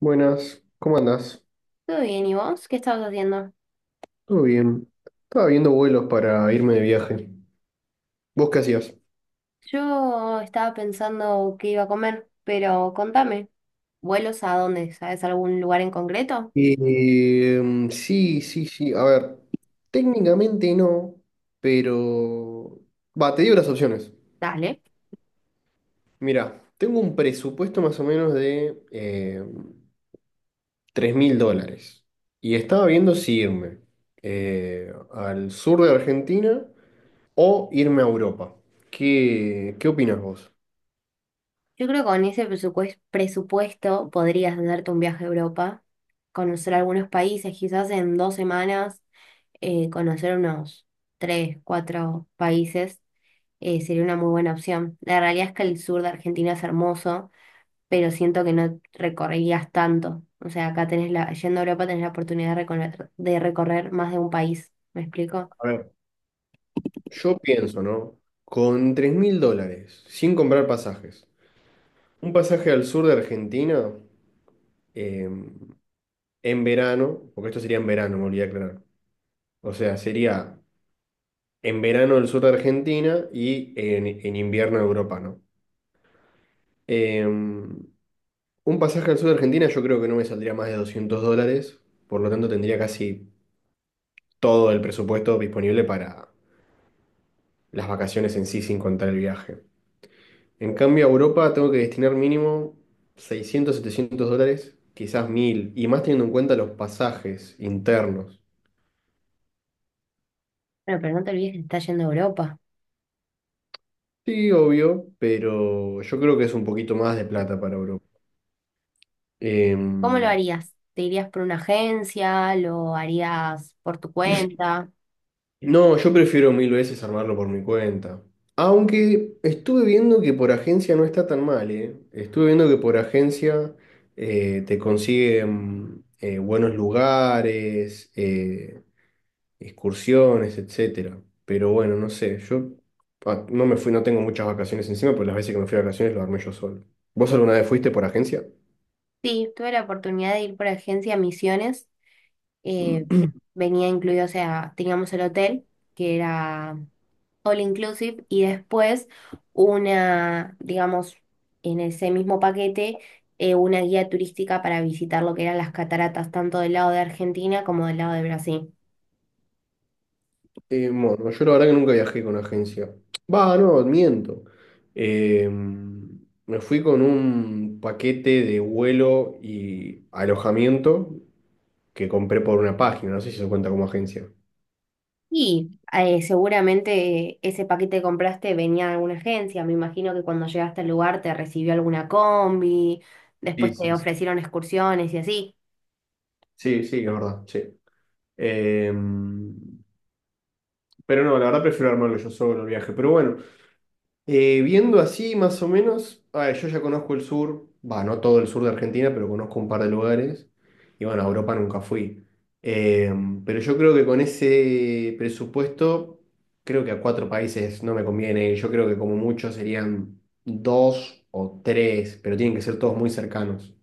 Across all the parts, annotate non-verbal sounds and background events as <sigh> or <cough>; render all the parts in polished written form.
Buenas, ¿cómo andás? Todo bien, ¿y vos? ¿Qué estabas haciendo? ¿Todo bien? Estaba viendo vuelos para irme de viaje. ¿Vos qué hacías? Yo estaba pensando qué iba a comer, pero contame, ¿vuelos a dónde? ¿Sabes algún lugar en concreto? Eh, sí, sí, sí. A ver, técnicamente no, pero. Va, te digo las opciones. Dale. Mira, tengo un presupuesto más o menos de 3 mil dólares. Y estaba viendo si irme al sur de Argentina o irme a Europa. ¿Qué opinas vos? Yo creo que con ese presupuesto podrías hacerte un viaje a Europa, conocer algunos países, quizás en dos semanas, conocer unos tres, cuatro países. Sería una muy buena opción. La realidad es que el sur de Argentina es hermoso, pero siento que no recorrerías tanto. O sea, acá tenés la, yendo a Europa tenés la oportunidad de recorrer más de un país. ¿Me explico? A ver. Yo pienso, ¿no? Con 3.000 dólares, sin comprar pasajes, un pasaje al sur de Argentina eh, en verano, porque esto sería en verano, me olvidé de aclarar. O sea, sería en verano el sur de Argentina y en invierno Europa, ¿no? Un pasaje al sur de Argentina yo creo que no me saldría más de 200 dólares, por lo tanto tendría casi todo el presupuesto disponible para las vacaciones en sí, sin contar el viaje. En cambio, a Europa tengo que destinar mínimo 600 700 dólares, quizás 1000 y más teniendo en cuenta los pasajes internos. Bueno, pero no te olvides que estás yendo a Europa. Sí, obvio, pero yo creo que es un poquito más de plata para Europa. ¿Cómo lo Em, harías? ¿Te irías por una agencia? ¿Lo harías por tu cuenta? no, yo prefiero mil veces armarlo por mi cuenta. Aunque estuve viendo que por agencia no está tan mal, ¿eh? Estuve viendo que por agencia te consiguen buenos lugares, excursiones, etcétera. Pero bueno, no sé, yo no me fui, no tengo muchas vacaciones encima, pero las veces que me fui a vacaciones lo armé yo solo. ¿Vos alguna vez fuiste por agencia? Sí, tuve la oportunidad de ir por agencia a Misiones. eh, Venía incluido, o sea, teníamos el hotel, que era all inclusive, y después una, digamos, en ese mismo paquete, una guía turística para visitar lo que eran las cataratas, tanto del lado de Argentina como del lado de Brasil. Bueno, yo la verdad que nunca viajé con agencia. Va, no, miento. Me fui con un paquete de vuelo y alojamiento que compré por una página, no sé si eso cuenta como agencia. Y seguramente ese paquete que compraste venía de alguna agencia. Me imagino que cuando llegaste al lugar te recibió alguna combi, después Sí, te sí, sí. ofrecieron excursiones y así. Sí, sí, es verdad, sí. Eh, pero no, la verdad prefiero armarlo yo solo el viaje. Pero bueno, viendo así, más o menos, a ver, yo ya conozco el sur, va, no todo el sur de Argentina, pero conozco un par de lugares. Y bueno, a Europa nunca fui. Eh, pero yo creo que con ese presupuesto, creo que a cuatro países no me conviene ir. Yo creo que como mucho serían dos o tres, pero tienen que ser todos muy cercanos.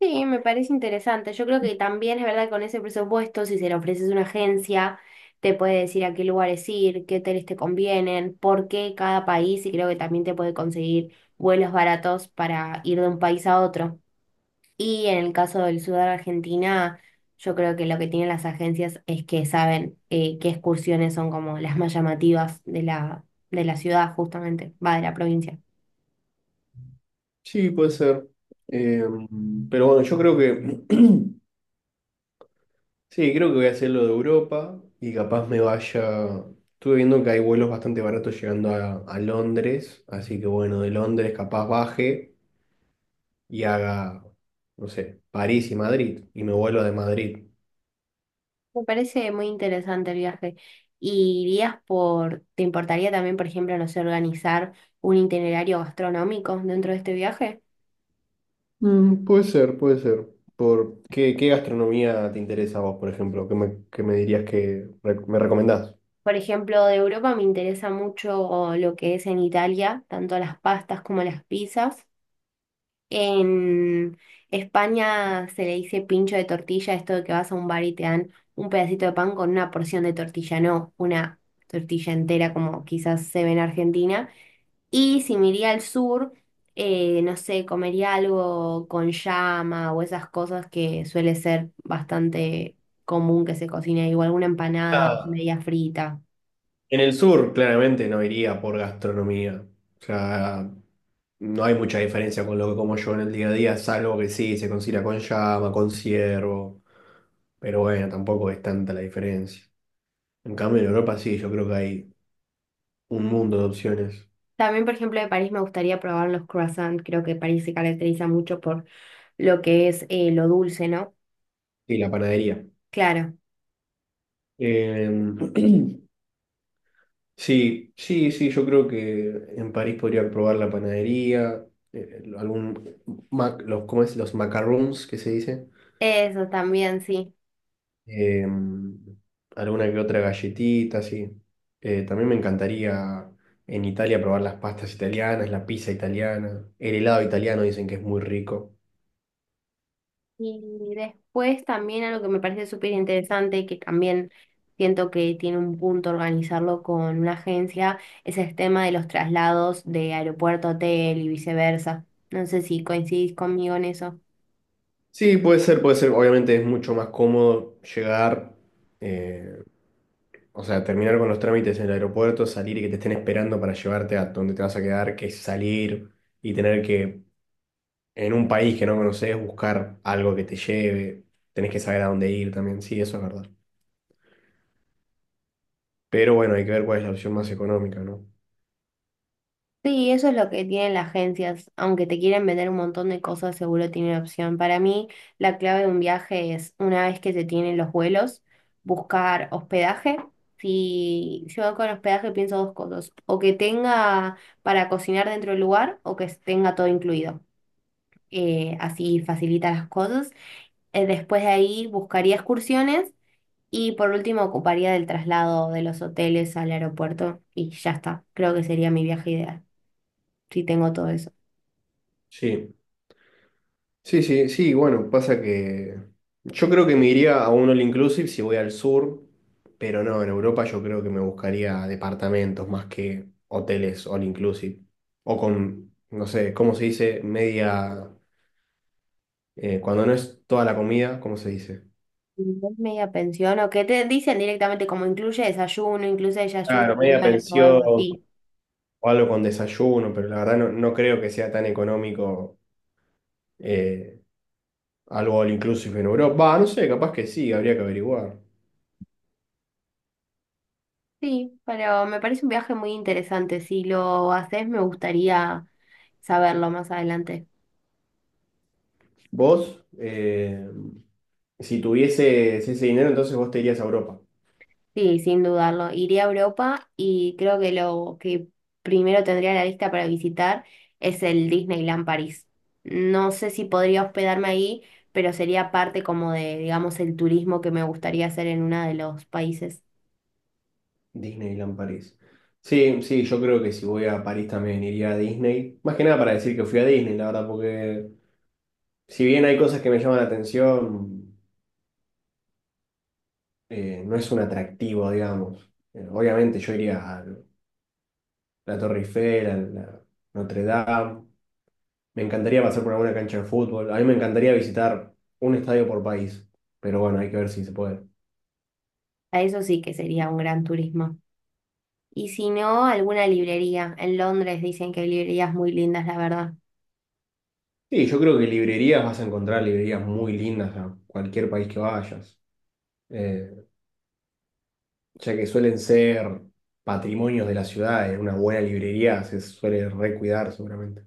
Sí, me parece interesante. Yo creo que también es verdad que con ese presupuesto, si se le ofreces a una agencia, te puede decir a qué lugares ir, qué hoteles te convienen, por qué cada país, y creo que también te puede conseguir vuelos baratos para ir de un país a otro. Y en el caso del sur de Argentina, yo creo que lo que tienen las agencias es que saben qué excursiones son como las más llamativas de la ciudad, justamente, va de la provincia. Sí, puede ser. Eh, pero bueno, yo creo que <clears throat> sí, creo que voy a hacer lo de Europa y capaz me vaya. Estuve viendo que hay vuelos bastante baratos llegando a Londres, así que bueno, de Londres capaz baje y haga, no sé, París y Madrid y me vuelo de Madrid. Me parece muy interesante el viaje. ¿Y irías por, te importaría también, por ejemplo, no sé, organizar un itinerario gastronómico dentro de este viaje? Mm, puede ser, puede ser. ¿Qué gastronomía te interesa a vos, por ejemplo? ¿Qué me dirías que me recomendás? Por ejemplo, de Europa me interesa mucho lo que es en Italia, tanto las pastas como las pizzas. En España se le dice pincho de tortilla, esto de que vas a un bar y te dan un pedacito de pan con una porción de tortilla, no una tortilla entera como quizás se ve en Argentina. Y si me iría al sur, no sé, comería algo con llama o esas cosas que suele ser bastante común que se cocine ahí, o alguna empanada media frita. En el sur, claramente no iría por gastronomía. O sea, no hay mucha diferencia con lo que como yo en el día a día, salvo que sí, se considera con llama, con ciervo. Pero bueno, tampoco es tanta la diferencia. En cambio, en Europa sí, yo creo que hay un mundo de opciones. También, por ejemplo, de París me gustaría probar los croissants. Creo que París se caracteriza mucho por lo que es lo dulce, ¿no? Y la panadería. Claro, Eh, <clears throat> sí, sí, sí, yo creo que en París podría probar la panadería, eh, algún, los, ¿cómo es? Los macarons, que se dice. eso también, sí. eh, Alguna que otra galletita, sí. También me encantaría en Italia probar las pastas italianas, la pizza italiana, el helado italiano dicen que es muy rico. Y después también algo que me parece súper interesante, que también siento que tiene un punto organizarlo con una agencia, es el tema de los traslados de aeropuerto a hotel y viceversa. No sé si coincidís conmigo en eso. Sí, puede ser, puede ser. Obviamente es mucho más cómodo llegar, eh, o sea, terminar con los trámites en el aeropuerto, salir y que te estén esperando para llevarte a donde te vas a quedar, que salir y tener que, en un país que no conoces, buscar algo que te lleve. Tenés que saber a dónde ir también. Sí, eso es verdad. Pero bueno, hay que ver cuál es la opción más económica, ¿no? Sí, eso es lo que tienen las agencias. Aunque te quieren vender un montón de cosas, seguro tienen opción. Para mí, la clave de un viaje es, una vez que se tienen los vuelos, buscar hospedaje. Si yo con hospedaje pienso dos cosas, o que tenga para cocinar dentro del lugar o que tenga todo incluido. Así facilita las cosas. Después de ahí buscaría excursiones y por último ocuparía del traslado de los hoteles al aeropuerto y ya está. Creo que sería mi viaje ideal. Sí, tengo todo eso. Sí, sí, sí, sí, bueno, pasa que yo creo que me iría a un all inclusive si voy al sur, pero no, en Europa yo creo que me buscaría departamentos más que hoteles all inclusive. O con, no sé, ¿cómo se dice? Media, cuando no es toda la comida, ¿cómo se dice? Media pensión, o que te dicen directamente como incluye desayuno y Claro, media almuerzo o algo pensión o así. algo con desayuno, pero la verdad no, no creo que sea tan económico. eh, Algo all inclusive en Europa. Va, no sé, capaz que sí, habría que averiguar. Sí, pero me parece un viaje muy interesante. Si lo haces, me gustaría saberlo más adelante. Vos, si tuvieses ese dinero, entonces vos te irías a Europa. Sí, sin dudarlo. Iría a Europa y creo que lo que primero tendría en la lista para visitar es el Disneyland París. No sé si podría hospedarme ahí, pero sería parte como de, digamos, el turismo que me gustaría hacer en uno de los países. Disneyland París. Sí, sí, yo creo que si voy a París también iría a Disney. Más que nada para decir que fui a Disney, la verdad, porque si bien hay cosas que me llaman la atención, no es un atractivo, digamos. Obviamente yo iría a la Torre Eiffel, a la Notre Dame. Me encantaría pasar por alguna cancha de fútbol. A mí me encantaría visitar un estadio por país. Pero bueno, hay que ver si se puede. A eso sí que sería un gran turismo. Y si no, alguna librería. En Londres dicen que hay librerías muy lindas, la verdad. Sí, yo creo que librerías vas a encontrar librerías muy lindas a cualquier país que vayas. Eh, ya que suelen ser patrimonios de la ciudad, una buena librería se suele recuidar seguramente.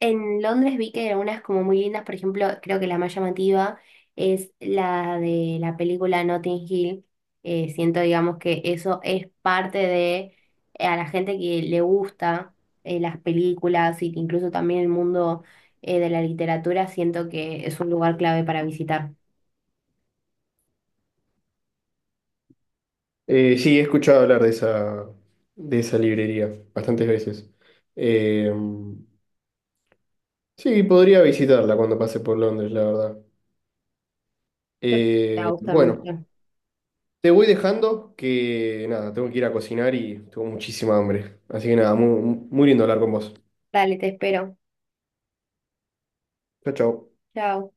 En Londres vi que eran unas como muy lindas, por ejemplo, creo que la más llamativa es la de la película Notting Hill. Siento, digamos, que eso es parte de a la gente que le gusta las películas y que incluso también el mundo de la literatura, siento que es un lugar clave para visitar. Sí, he escuchado hablar de esa librería bastantes veces. Eh, sí, podría visitarla cuando pase por Londres, la verdad. Yo creo que te va a gustar Bueno, mucho. te voy dejando que nada, tengo que ir a cocinar y tengo muchísima hambre. Así que nada, muy, muy lindo hablar con vos. Dale, te espero. Chao, chao. Chao.